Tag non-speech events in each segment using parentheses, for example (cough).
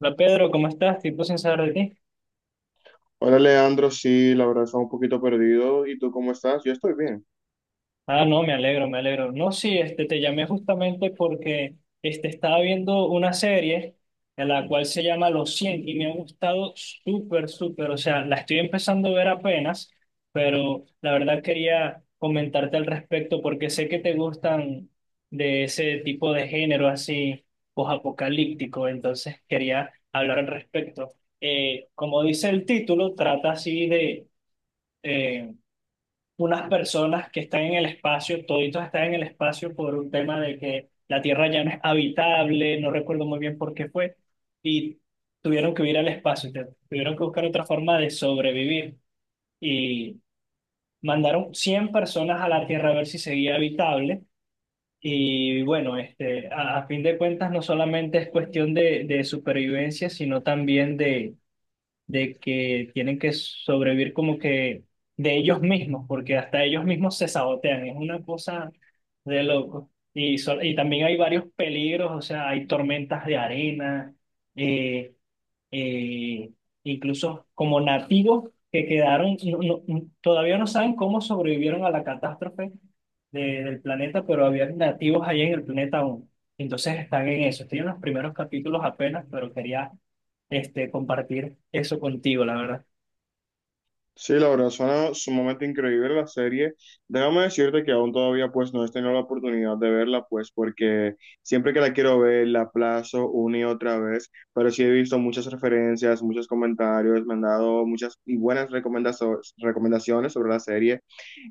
Hola Pedro, ¿cómo estás? Tiempo sin saber de ti. Hola Leandro, sí, la verdad estaba un poquito perdido. ¿Y tú cómo estás? Yo estoy bien. Ah, no, me alegro, me alegro. No, sí, te llamé justamente porque estaba viendo una serie en la cual se llama Los Cien y me ha gustado súper, súper. O sea, la estoy empezando a ver apenas, pero la verdad quería comentarte al respecto porque sé que te gustan de ese tipo de género así posapocalíptico, entonces quería hablar al respecto. Como dice el título, trata así de... eh, unas personas que están en el espacio, toditos están en el espacio por un tema de que la Tierra ya no es habitable, no recuerdo muy bien por qué fue, y tuvieron que huir al espacio, tuvieron que buscar otra forma de sobrevivir y mandaron 100 personas a la Tierra a ver si seguía habitable. Y bueno, a fin de cuentas no solamente es cuestión de supervivencia, sino también de que tienen que sobrevivir como que de ellos mismos, porque hasta ellos mismos se sabotean, es una cosa de loco. Y, y también hay varios peligros, o sea, hay tormentas de arena, eh, eh, incluso como nativos que quedaron, todavía no saben cómo sobrevivieron a la catástrofe del planeta, pero había nativos ahí en el planeta aún. Entonces están en eso. Estoy en los primeros capítulos apenas, pero quería compartir eso contigo, la verdad. Sí, la verdad suena sumamente increíble la serie. Déjame decirte que aún todavía pues no he tenido la oportunidad de verla pues porque siempre que la quiero ver la aplazo una y otra vez, pero sí he visto muchas referencias, muchos comentarios, me han dado muchas y buenas recomendaciones sobre la serie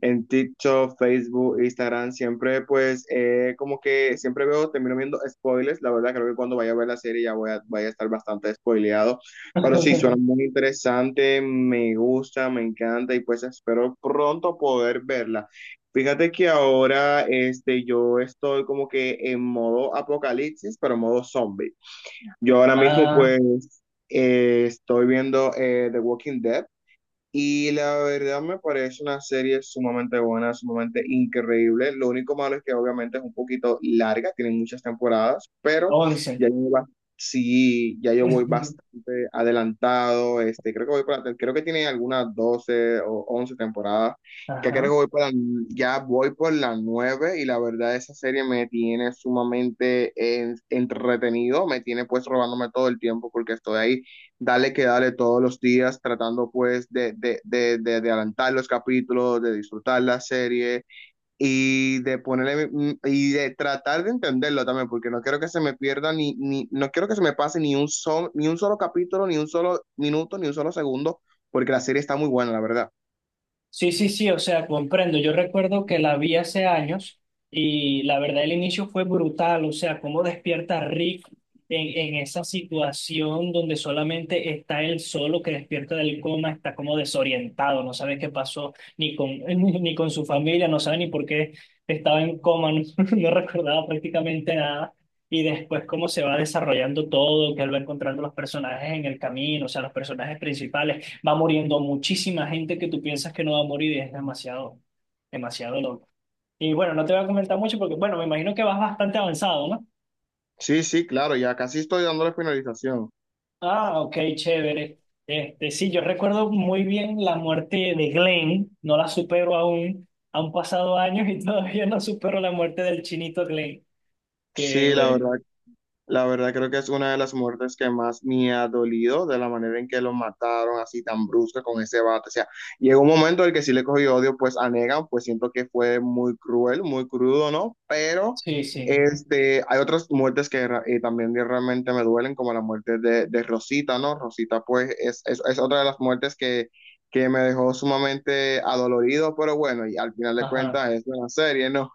en TikTok, Facebook, Instagram, siempre pues como que siempre veo, termino viendo spoilers, la verdad creo que cuando vaya a ver la serie ya voy a, vaya a estar bastante spoileado. Pero sí, suena (laughs) muy interesante, me gusta, me encanta y pues espero pronto poder verla. Fíjate que ahora este, yo estoy como que en modo apocalipsis, pero modo zombie. Yo ahora mismo Ah, pues estoy viendo The Walking Dead. Y la verdad me parece una serie sumamente buena, sumamente increíble. Lo único malo es que obviamente es un poquito larga, tiene muchas temporadas, pero 11. ya yo, sí, ya yo voy (laughs) bastante adelantado. Este, creo que voy para, creo que tiene algunas 12 o 11 temporadas, que creo que Ajá. voy para, ya voy por la 9 y la verdad esa serie me tiene sumamente entretenido, me tiene pues robándome todo el tiempo porque estoy ahí dale que dale todos los días, tratando pues de adelantar los capítulos, de disfrutar la serie y de ponerle y de tratar de entenderlo también, porque no quiero que se me pierda ni, ni no quiero que se me pase ni un solo, ni un solo capítulo, ni un solo minuto, ni un solo segundo, porque la serie está muy buena, la verdad. Sí, sí, sí, o sea, comprendo. Yo recuerdo que la vi hace años y la verdad el inicio fue brutal, o sea, cómo despierta Rick en esa situación donde solamente está él solo que despierta del coma, está como desorientado, no sabe qué pasó ni con, (laughs) ni ni con su familia, no sabe ni por qué estaba en coma, (laughs) no, no recordaba prácticamente nada. Y después cómo se va desarrollando todo, que él va encontrando los personajes en el camino, o sea, los personajes principales. Va muriendo muchísima gente que tú piensas que no va a morir y es demasiado, demasiado loco. Y bueno, no te voy a comentar mucho porque, bueno, me imagino que vas bastante avanzado, ¿no? Sí, sí, claro, ya casi estoy dándole finalización. Ah, ok, chévere. Sí, yo recuerdo muy bien la muerte de Glenn, no la supero aún, han pasado años y (laughs) todavía no supero la muerte del chinito Glenn. Que Sí, la verdad. bueno, La verdad creo que es una de las muertes que más me ha dolido de la manera en que lo mataron así tan brusca con ese bate. O sea, llegó un momento en el que sí le cogí odio pues a Negan, pues siento que fue muy cruel, muy crudo, ¿no? Pero sí, sí, este, hay otras muertes que también realmente me duelen, como la muerte de Rosita, ¿no? Rosita pues es otra de las muertes que me dejó sumamente adolorido, pero bueno, y al final de ajá. cuentas es una serie, ¿no?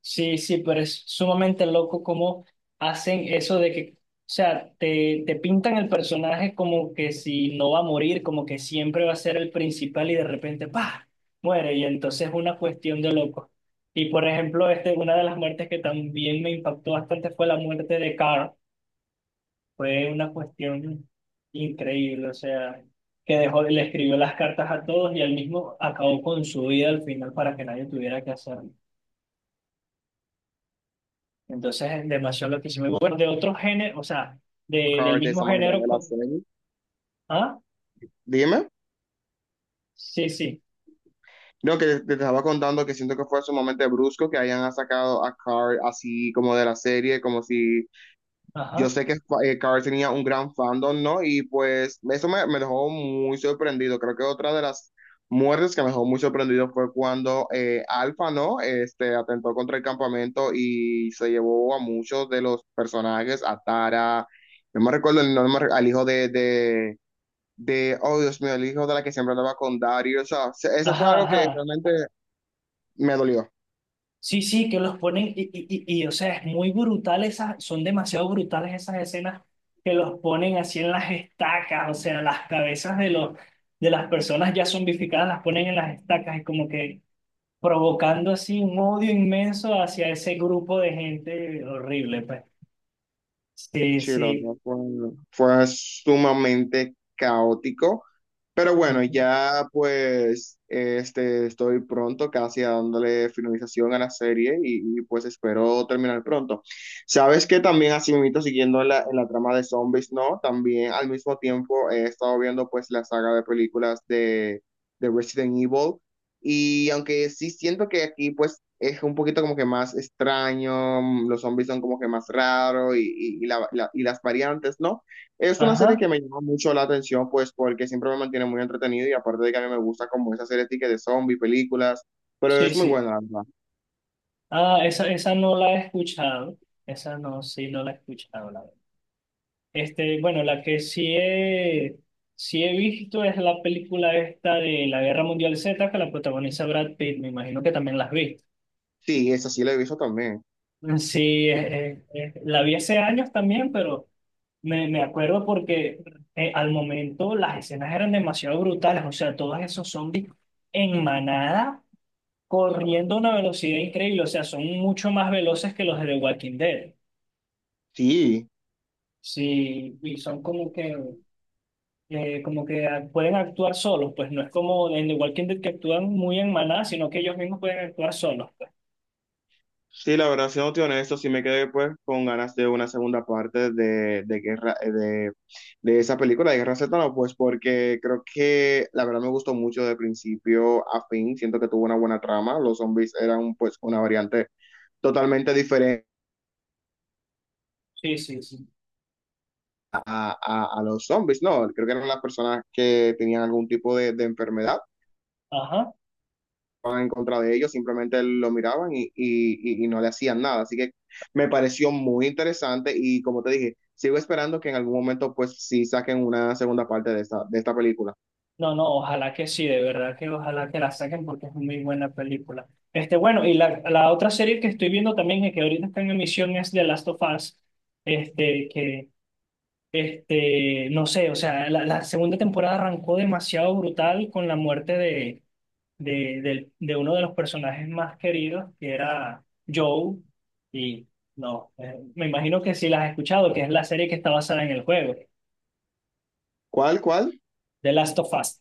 Sí, sí, pero es sumamente loco cómo hacen eso de que, o sea, te pintan el personaje como que si no va a morir, como que siempre va a ser el principal y de repente, ¡pah! Muere y entonces es una cuestión de loco. Y por ejemplo, una de las muertes que también me impactó bastante fue la muerte de Carl. Fue una cuestión increíble, o sea, que dejó, le escribió las cartas a todos y él mismo acabó con su vida al final para que nadie tuviera que hacerlo. Entonces es demasiado lo que hicimos. Y bueno, de otro género, o sea, (laughs) de, del Carl, de mismo esa manera género de la con... serie. ¿Ah? Dime. Sí, sí. No, que te estaba contando que siento que fue sumamente brusco que hayan sacado a Carl así como de la serie, como si yo Ajá. sé que Carl tenía un gran fandom, ¿no? Y pues eso me, me dejó muy sorprendido. Creo que otra de las muertes que me dejó muy sorprendido fue cuando Alpha, ¿no? Este, atentó contra el campamento y se llevó a muchos de los personajes, a Tara, no me recuerdo el nombre, al hijo de oh Dios mío, el hijo de la que siempre andaba con Dario, o sea, eso fue Ajá, algo que ajá. realmente me dolió, Sí, sí, que los ponen o sea, es muy brutal esas, son demasiado brutales esas escenas que los ponen así en las estacas, o sea, las cabezas de los, de las personas ya zombificadas las ponen en las estacas y como que provocando así un odio inmenso hacia ese grupo de gente horrible, pues. Sí, sí, la sí. verdad fue, fue sumamente caótico, pero bueno, Ujú. ya pues este, estoy pronto casi a dándole finalización a la serie y pues espero terminar pronto. Sabes que también así mismo siguiendo en en la trama de zombies, ¿no? También al mismo tiempo he estado viendo pues la saga de películas de Resident Evil. Y aunque sí siento que aquí pues es un poquito como que más extraño, mm, los zombies son como que más raros y, y las variantes, ¿no? Es una serie que Ajá. me llama mucho la atención pues porque siempre me mantiene muy entretenido y aparte de que a mí me gusta como esa serie de zombies, películas, pero Sí, es muy sí. buena, la verdad. Ah, esa no la he escuchado. Esa no, sí, no la he escuchado, la verdad. Bueno, la que sí he visto es la película esta de la Guerra Mundial Z que la protagoniza Brad Pitt. Me imagino que también la has visto. Sí, esa sí la he visto también. Sí, la vi hace años también, pero me acuerdo porque al momento las escenas eran demasiado brutales. O sea, todos esos zombies en manada corriendo a una velocidad increíble. O sea, son mucho más veloces que los de The Walking Dead. Sí. Sí, y son como que pueden actuar solos, pues no es como en The Walking Dead que actúan muy en manada, sino que ellos mismos pueden actuar solos, pues. Sí, la verdad, siéndote honesto, sí me quedé pues con ganas de una segunda parte de Guerra, de esa película de Guerra Z, ¿no? Pues porque creo que la verdad me gustó mucho de principio a fin, siento que tuvo una buena trama, los zombies eran pues una variante totalmente diferente Sí, sí, sí. a, a los zombies, ¿no? Creo que eran las personas que tenían algún tipo de enfermedad Ajá. en contra de ellos, simplemente lo miraban y no le hacían nada. Así que me pareció muy interesante y como te dije, sigo esperando que en algún momento pues sí saquen una segunda parte de esta película. No, no, ojalá que sí, de verdad que ojalá que la saquen porque es muy buena película. Bueno, y la otra serie que estoy viendo también, y que ahorita está en emisión, es The Last of Us, este, que, no sé, o sea, la segunda temporada arrancó demasiado brutal con la muerte de, de uno de los personajes más queridos, que era Joe, y no, me imagino que sí la has escuchado, que es la serie que está basada en el juego, ¿Cuál, cuál? The Last of Us.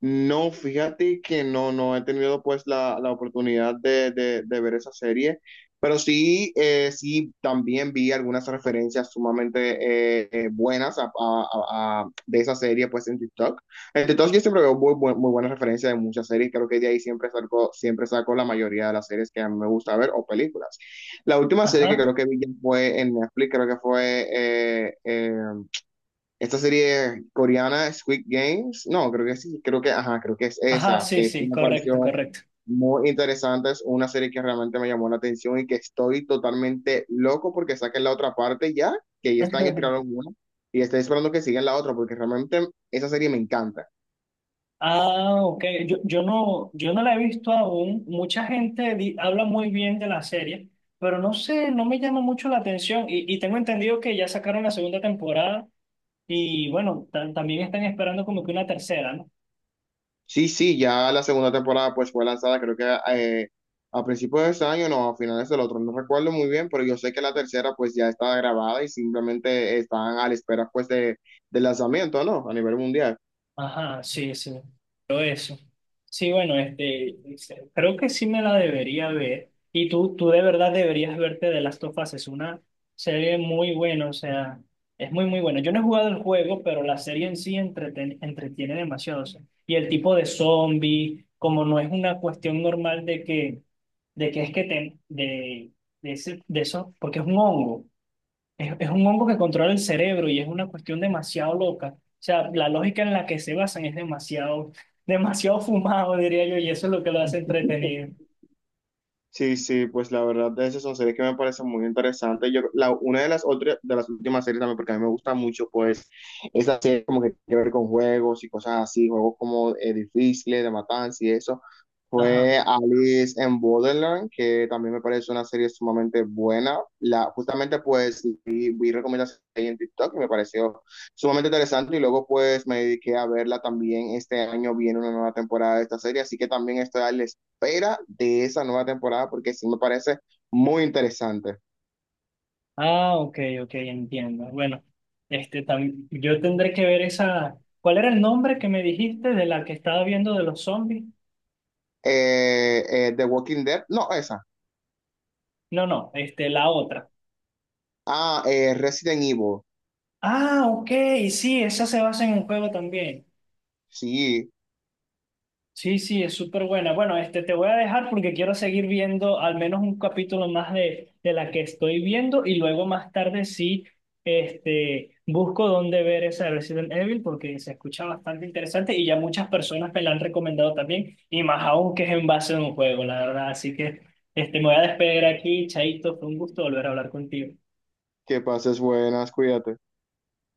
No, fíjate que no, no he tenido pues la oportunidad de, de ver esa serie, pero sí, sí, también vi algunas referencias sumamente buenas de esa serie pues en TikTok. En TikTok yo siempre veo muy, muy buenas referencias de muchas series, creo que de ahí siempre saco la mayoría de las series que a mí me gusta ver o películas. La última serie que Ajá, creo que vi ya fue en Netflix, creo que fue… esta serie coreana, Squid Games, no, creo que sí, creo que, ajá, creo que es ajá, esa, sí, que sí sí, me correcto, pareció correcto. muy interesante, es una serie que realmente me llamó la atención y que estoy totalmente loco porque saquen la otra parte ya, que ya este año (laughs) tiraron una, y estoy esperando que sigan la otra porque realmente esa serie me encanta. Ah, ok, yo no, yo no la he visto aún, mucha gente habla muy bien de la serie, pero no sé, no me llama mucho la atención, y tengo entendido que ya sacaron la segunda temporada, y bueno, también están esperando como que una tercera, ¿no? Sí, sí, ya la segunda temporada pues fue lanzada creo que eh, a principios de este año, no, a finales del otro, no recuerdo muy bien, pero yo sé que la tercera pues ya está grabada y simplemente están a la espera pues de, del lanzamiento, ¿no? A nivel mundial. Ajá, sí, sí. Pero eso. Sí, bueno, creo que sí me la debería ver. Y tú de verdad deberías verte de Last of Us. Es una serie muy buena, o sea, es muy, muy buena. Yo no he jugado el juego, pero la serie en sí entretiene demasiado. O sea. Y el tipo de zombie, como no es una cuestión normal de que es que te, de, ese, de eso, porque es un hongo. Es un hongo que controla el cerebro y es una cuestión demasiado loca. O sea, la lógica en la que se basan es demasiado, (laughs) demasiado fumado, diría yo, y eso es lo que lo hace entretenido. Sí, sí, pues la verdad de esas son series que me parecen muy interesantes. Yo, la, una de las otras, de las últimas series también, porque a mí me gusta mucho, pues, es la serie como que tiene que ver con juegos y cosas así, juegos como difíciles, de matanza y eso. Ajá. Fue Alice en Borderland, que también me parece una serie sumamente buena. La, justamente, pues, vi recomendaciones ahí en TikTok y me pareció sumamente interesante. Y luego, pues, me dediqué a verla también. Este año viene una nueva temporada de esta serie, así que también estoy al espera de esa nueva temporada porque sí me parece muy interesante. Ah, ok, ok, entiendo. Bueno, este también, yo tendré que ver esa. ¿Cuál era el nombre que me dijiste de la que estaba viendo de los zombies? The Walking Dead, no, esa. No, no, la otra. Ah, Resident Evil. Ah, ok, sí, esa se basa en un juego también. Sí, Sí, sí, es súper buena. Bueno, te voy a dejar porque quiero seguir viendo al menos un capítulo más de la que estoy viendo y luego más tarde sí, busco dónde ver esa de Resident Evil porque se escucha bastante interesante y ya muchas personas me la han recomendado también y más aún que es en base a un juego, la verdad. Así que, me voy a despedir aquí, Chaito, fue un gusto volver a hablar contigo. que pases buenas, cuídate.